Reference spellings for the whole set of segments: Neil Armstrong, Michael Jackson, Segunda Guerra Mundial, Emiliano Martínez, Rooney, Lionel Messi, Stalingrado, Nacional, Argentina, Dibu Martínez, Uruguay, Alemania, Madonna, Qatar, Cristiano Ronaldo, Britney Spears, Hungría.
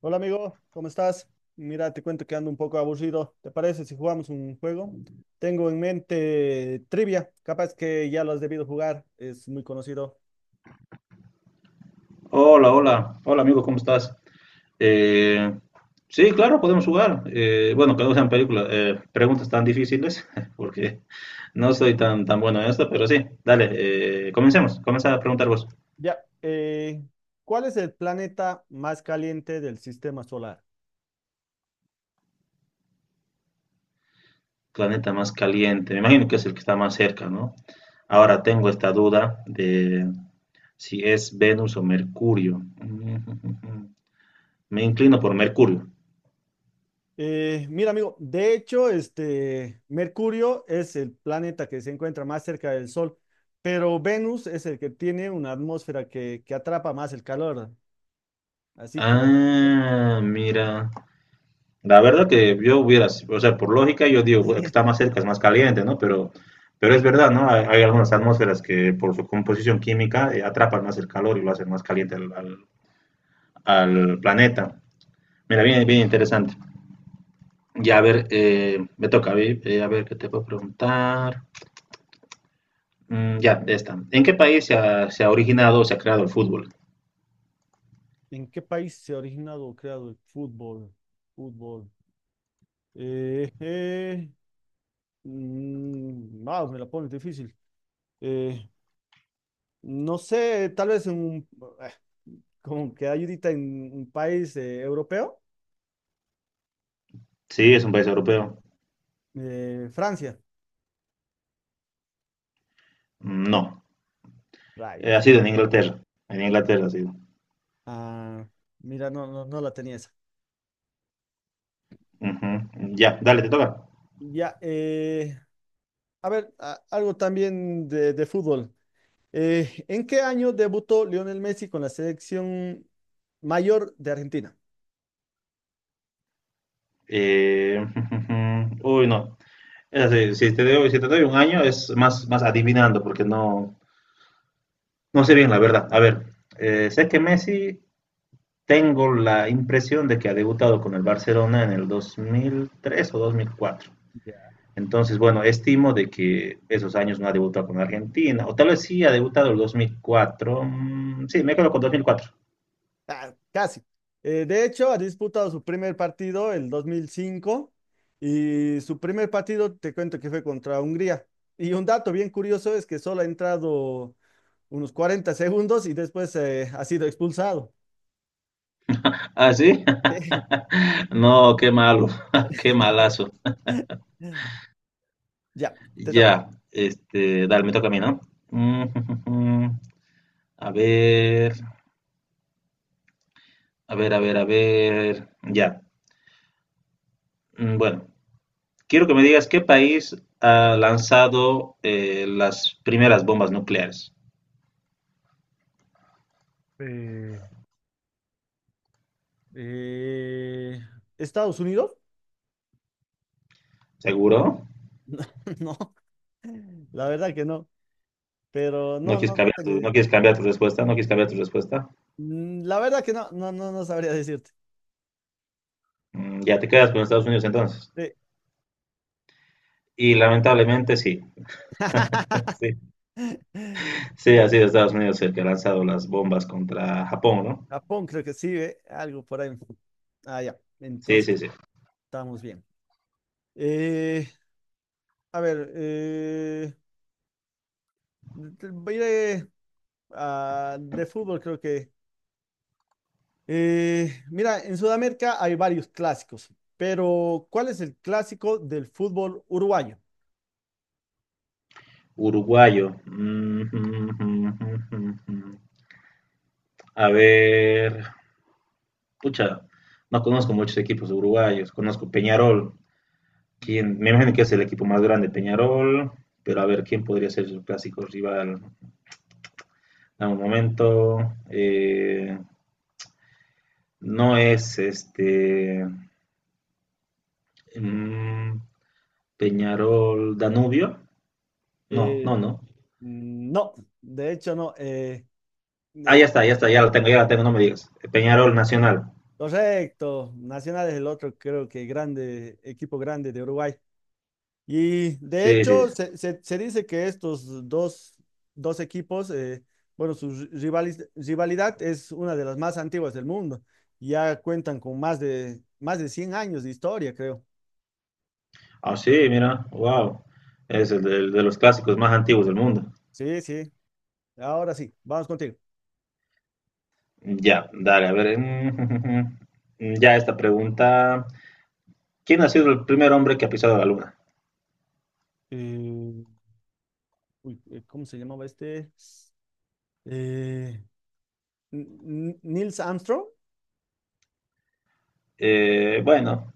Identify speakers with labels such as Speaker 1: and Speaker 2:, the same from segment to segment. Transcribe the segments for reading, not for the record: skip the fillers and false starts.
Speaker 1: Hola amigo, ¿cómo estás? Mira, te cuento que ando un poco aburrido. ¿Te parece si jugamos un juego? Tengo en mente trivia, capaz que ya lo has debido jugar, es muy conocido.
Speaker 2: Hola, hola, hola amigo, ¿cómo estás? Eh, sí, claro, podemos jugar. Bueno, que no sean películas, preguntas tan difíciles, porque no soy tan bueno en esto, pero sí, dale, comencemos. Comienza a preguntar vos.
Speaker 1: Ya, eh, ¿Cuál es el planeta más caliente del sistema solar?
Speaker 2: Planeta más caliente, me imagino que es el que está más cerca, ¿no? Ahora tengo esta duda de si es Venus o Mercurio. Me inclino por Mercurio.
Speaker 1: Mira amigo, de hecho, Mercurio es el planeta que se encuentra más cerca del Sol, pero Venus es el que tiene una atmósfera que atrapa más el calor. Así que...
Speaker 2: Ah, mira. La verdad que yo hubiera, o sea, por lógica yo digo, bueno, que está más cerca, es más caliente, ¿no? Pero es verdad, ¿no? Hay algunas atmósferas que por su composición química atrapan más el calor y lo hacen más caliente al planeta. Mira, bien, bien interesante. Ya, a ver, me toca, a ver qué te puedo preguntar. Ya, esta. ¿En qué país se ha originado o se ha creado el fútbol?
Speaker 1: ¿En qué país se ha originado o creado el fútbol? Fútbol. Eh, eh, Me la pones difícil. Eh, no sé, tal vez en un, eh, como que hay ahorita en un país europeo.
Speaker 2: Sí, es un país europeo.
Speaker 1: Francia.
Speaker 2: Mm, no.
Speaker 1: Rayos.
Speaker 2: Ha sido en Inglaterra. En Inglaterra ha sido.
Speaker 1: Ah, mira, no la tenía esa.
Speaker 2: Ujú. Ya, dale, te toca.
Speaker 1: Ya, eh, a ver, algo también de fútbol. ¿En qué año debutó Lionel Messi con la selección mayor de Argentina?
Speaker 2: Eh, uy, no. Es así, si te doy un año es más, más adivinando porque no, no sé bien la verdad. A ver, sé que Messi tengo la impresión de que ha debutado con el Barcelona en el 2003 o 2004. Entonces, bueno, estimo de que esos años no ha debutado con Argentina, o tal vez sí ha debutado el 2004. Mm, sí, me quedo con 2004.
Speaker 1: Ah, casi. De hecho, ha disputado su primer partido el 2005 y su primer partido, te cuento que fue contra Hungría. Y un dato bien curioso es que solo ha entrado unos 40 segundos y después ha sido expulsado.
Speaker 2: ¿Ah, sí? No, qué malo, qué malazo.
Speaker 1: Ya, te toca.
Speaker 2: Ya, este, dale, me toca a mí, ¿no? Mm, a ver, a ver. Ya. Mm, bueno, quiero que me digas qué país ha lanzado las primeras bombas nucleares.
Speaker 1: Eh, Eh, ¿Estados Unidos?
Speaker 2: ¿Seguro?
Speaker 1: No, la verdad que no, pero no tengo
Speaker 2: ¿No
Speaker 1: idea.
Speaker 2: quieres cambiar tu respuesta? ¿No quieres cambiar tu respuesta?
Speaker 1: La verdad que no sabría decirte.
Speaker 2: Mm, ya te quedas con Estados Unidos entonces.
Speaker 1: Sí.
Speaker 2: Y lamentablemente sí. Sí, sí, ha sido Estados Unidos el que ha lanzado las bombas contra Japón, ¿no?
Speaker 1: Japón creo que sí, ¿eh? Algo por ahí. Ah, ya.
Speaker 2: Sí,
Speaker 1: Entonces,
Speaker 2: sí, sí.
Speaker 1: estamos bien. Eh, a ver, voy de fútbol creo que. Mira, en Sudamérica hay varios clásicos, pero ¿cuál es el clásico del fútbol uruguayo?
Speaker 2: Uruguayo. A ver, pucha, no conozco muchos equipos uruguayos. Conozco Peñarol. Quién me imagino que es el equipo más grande, Peñarol. Pero a ver, ¿quién podría ser su clásico rival? Dame un momento. Eh, no es este mm, Peñarol Danubio. No,
Speaker 1: Eh,
Speaker 2: no, no.
Speaker 1: no, de hecho no.
Speaker 2: Ah, ya
Speaker 1: Eh,
Speaker 2: está, ya está,
Speaker 1: a ver,
Speaker 2: ya la tengo, no me digas. Peñarol Nacional.
Speaker 1: correcto, Nacional es el otro, creo que grande, equipo grande de Uruguay. Y de
Speaker 2: Sí, sí,
Speaker 1: hecho,
Speaker 2: sí.
Speaker 1: se dice que estos dos equipos, bueno, su rivalidad es una de las más antiguas del mundo. Ya cuentan con más de 100 años de historia, creo.
Speaker 2: Ah, sí, mira, wow. Es el de los clásicos más antiguos del mundo.
Speaker 1: Sí, sí. Ahora sí, vamos contigo.
Speaker 2: Ya, dale, a ver. Mm, ya esta pregunta. ¿Quién ha sido el primer hombre que ha pisado la luna?
Speaker 1: Eh, ¿Cómo se llamaba este? Eh, N- Nils Armstrong.
Speaker 2: Bueno,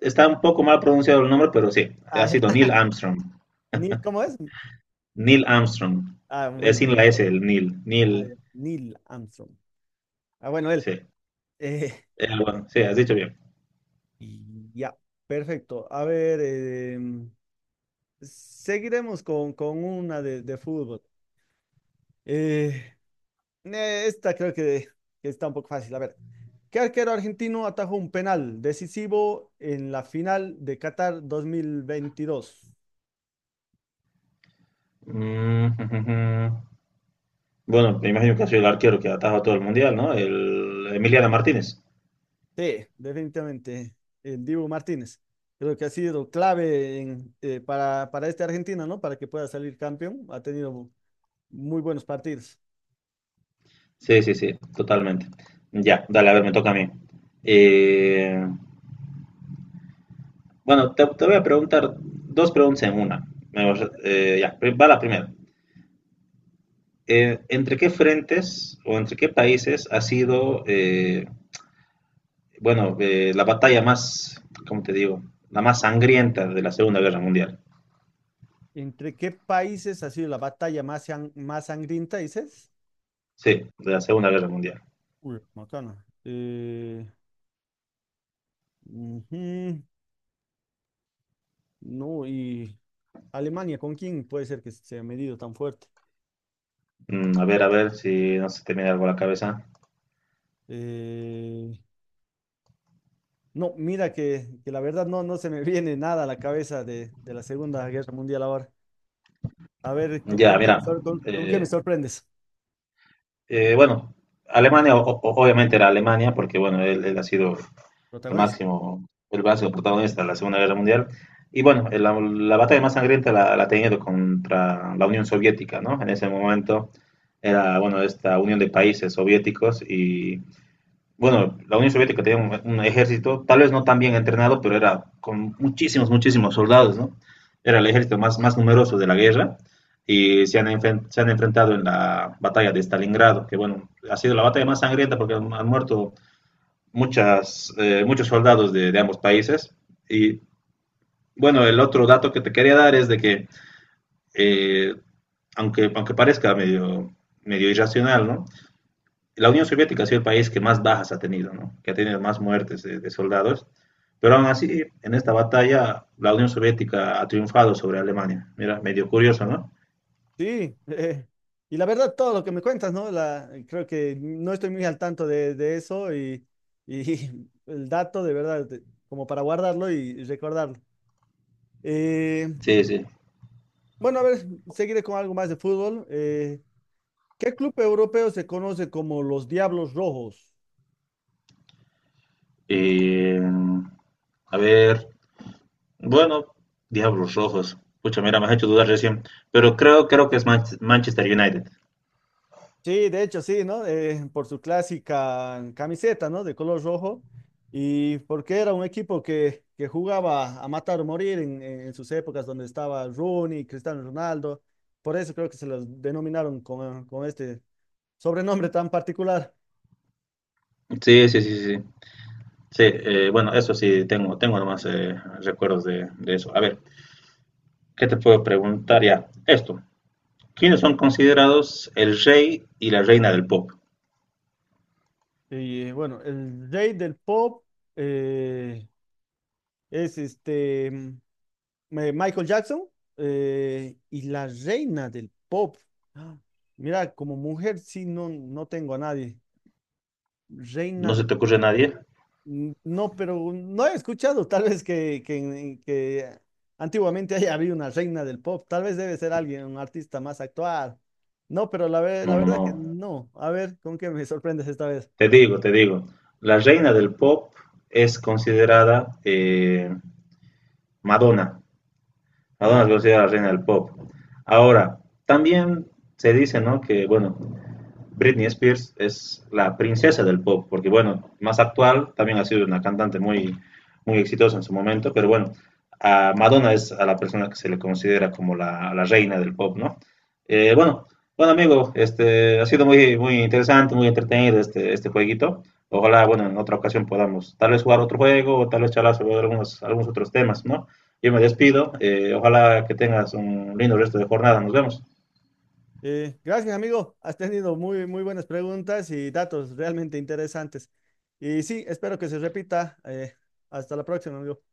Speaker 2: está un poco mal pronunciado el nombre, pero sí, ha
Speaker 1: Ah,
Speaker 2: sido Neil Armstrong.
Speaker 1: Neil, ¿cómo es?
Speaker 2: Neil Armstrong.
Speaker 1: Ah,
Speaker 2: Es
Speaker 1: bueno,
Speaker 2: sin la
Speaker 1: por
Speaker 2: S,
Speaker 1: ahí.
Speaker 2: el Neil.
Speaker 1: Ah,
Speaker 2: Neil,
Speaker 1: ya. Neil Armstrong. Ah, bueno, él.
Speaker 2: sí.
Speaker 1: Eh,
Speaker 2: Bueno, sí, has dicho bien.
Speaker 1: Y ya, perfecto. A ver, seguiremos con una de fútbol. Eh, esta creo que está un poco fácil. A ver, ¿qué arquero argentino atajó un penal decisivo en la final de Qatar 2022?
Speaker 2: Mm, bueno, me imagino que ha sido el arquero que ha atajado todo el mundial, ¿no? El Emiliano Martínez.
Speaker 1: Sí, definitivamente, el Dibu Martínez. Creo que ha sido clave en, para este Argentina, ¿no? Para que pueda salir campeón. Ha tenido muy buenos partidos.
Speaker 2: Sí, sí, sí, totalmente. Ya, dale, a ver, me toca a mí. Eh, bueno, te voy a preguntar dos preguntas en una. Ya, va la primera. ¿Entre qué frentes o entre qué países ha sido, bueno, la batalla más, ¿cómo te digo? La más sangrienta de la Segunda Guerra Mundial.
Speaker 1: ¿Entre qué países ha sido la batalla más, más sangrienta, dices?
Speaker 2: Sí, de la Segunda Guerra Mundial.
Speaker 1: Uy, macana. Ujú, No, y Alemania, ¿con quién puede ser que se ha medido tan fuerte?
Speaker 2: Mm, a ver si no se te viene algo a la cabeza.
Speaker 1: Eh, no, mira que la verdad no, no se me viene nada a la cabeza de la Segunda Guerra Mundial ahora. A ver,
Speaker 2: Ya,
Speaker 1: con qué me
Speaker 2: mira,
Speaker 1: con qué me
Speaker 2: eh,
Speaker 1: sorprendes?
Speaker 2: Bueno, Alemania, obviamente era Alemania, porque bueno, él ha sido
Speaker 1: Protagonista.
Speaker 2: el ha sido protagonista de la Segunda Guerra Mundial. Y bueno, la batalla más sangrienta la ha tenido contra la Unión Soviética, ¿no? En ese momento era, bueno, esta unión de países soviéticos y bueno, la Unión Soviética tenía un ejército, tal vez no tan bien entrenado, pero era con muchísimos, muchísimos soldados, ¿no? Era el ejército más, más numeroso de la guerra y se han enfrentado en la batalla de Stalingrado, que bueno, ha sido la batalla más sangrienta porque han muerto muchas, muchos soldados de ambos países. Y bueno, el otro dato que te quería dar es de que, eh, aunque parezca medio, medio irracional, ¿no? La Unión Soviética ha sido el país que más bajas ha tenido, ¿no? Que ha tenido más muertes soldados, pero aún así, en esta batalla, la Unión Soviética ha triunfado sobre Alemania. Mira, medio curioso, ¿no?
Speaker 1: Sí, y la verdad, todo lo que me cuentas, ¿no? La, creo que no estoy muy al tanto de eso y el dato, de verdad, de- como para guardarlo y recordarlo. Eh,
Speaker 2: Sí, sí.
Speaker 1: bueno, a ver, seguiré con algo más de fútbol. ¿Qué club europeo se conoce como los Diablos Rojos?
Speaker 2: Eh, a ver, bueno, Diablos Rojos. Pucha, mira, me has hecho dudar recién, pero creo, creo que es Manchester United.
Speaker 1: Sí, de hecho, sí, ¿no? Por su clásica camiseta, ¿no? De color rojo. Y porque era un equipo que jugaba a matar o morir en sus épocas donde estaba Rooney, Cristiano Ronaldo. Por eso creo que se los denominaron con este sobrenombre tan particular.
Speaker 2: Sí, sí, sí, sí. Sí, bueno, eso sí, tengo, tengo nomás recuerdos de eso. A ver, ¿qué te puedo preguntar ya? Esto, ¿quiénes son considerados el rey y la reina del pop.
Speaker 1: Y bueno, el rey del pop eh, es Michael Jackson y la reina del pop. Ah, Mira, como mujer sí no, no tengo a nadie. Reina
Speaker 2: ¿No se
Speaker 1: de...
Speaker 2: te ocurre a nadie?
Speaker 1: No, pero no he escuchado tal vez que antiguamente haya habido una reina del pop. Tal vez debe ser alguien, un artista más actual. No, pero la, ve- la
Speaker 2: No, no,
Speaker 1: verdad
Speaker 2: no.
Speaker 1: que no. A ver, ¿con qué me sorprendes esta vez?
Speaker 2: Te digo, te digo. La reina del pop es considerada Madonna. Madonna es
Speaker 1: Ajá.
Speaker 2: considerada la reina del pop. Ahora, también se dice, ¿no? Que, bueno, Britney Spears es la princesa del pop, porque bueno, más actual, también ha sido una cantante muy, muy exitosa en su momento, pero bueno, a Madonna es a la persona que se le considera como la reina del pop, ¿no? Bueno, bueno amigo, este, ha sido muy, muy interesante, muy entretenido este, este jueguito. Ojalá, bueno, en otra ocasión podamos tal vez jugar otro juego o tal vez charlar sobre algunos, algunos otros temas, ¿no? Yo me despido, ojalá que tengas un lindo resto de jornada, nos vemos.
Speaker 1: Gracias, amigo. Has tenido muy, muy buenas preguntas y datos realmente interesantes. Y sí, espero que se repita. Hasta la próxima, amigo.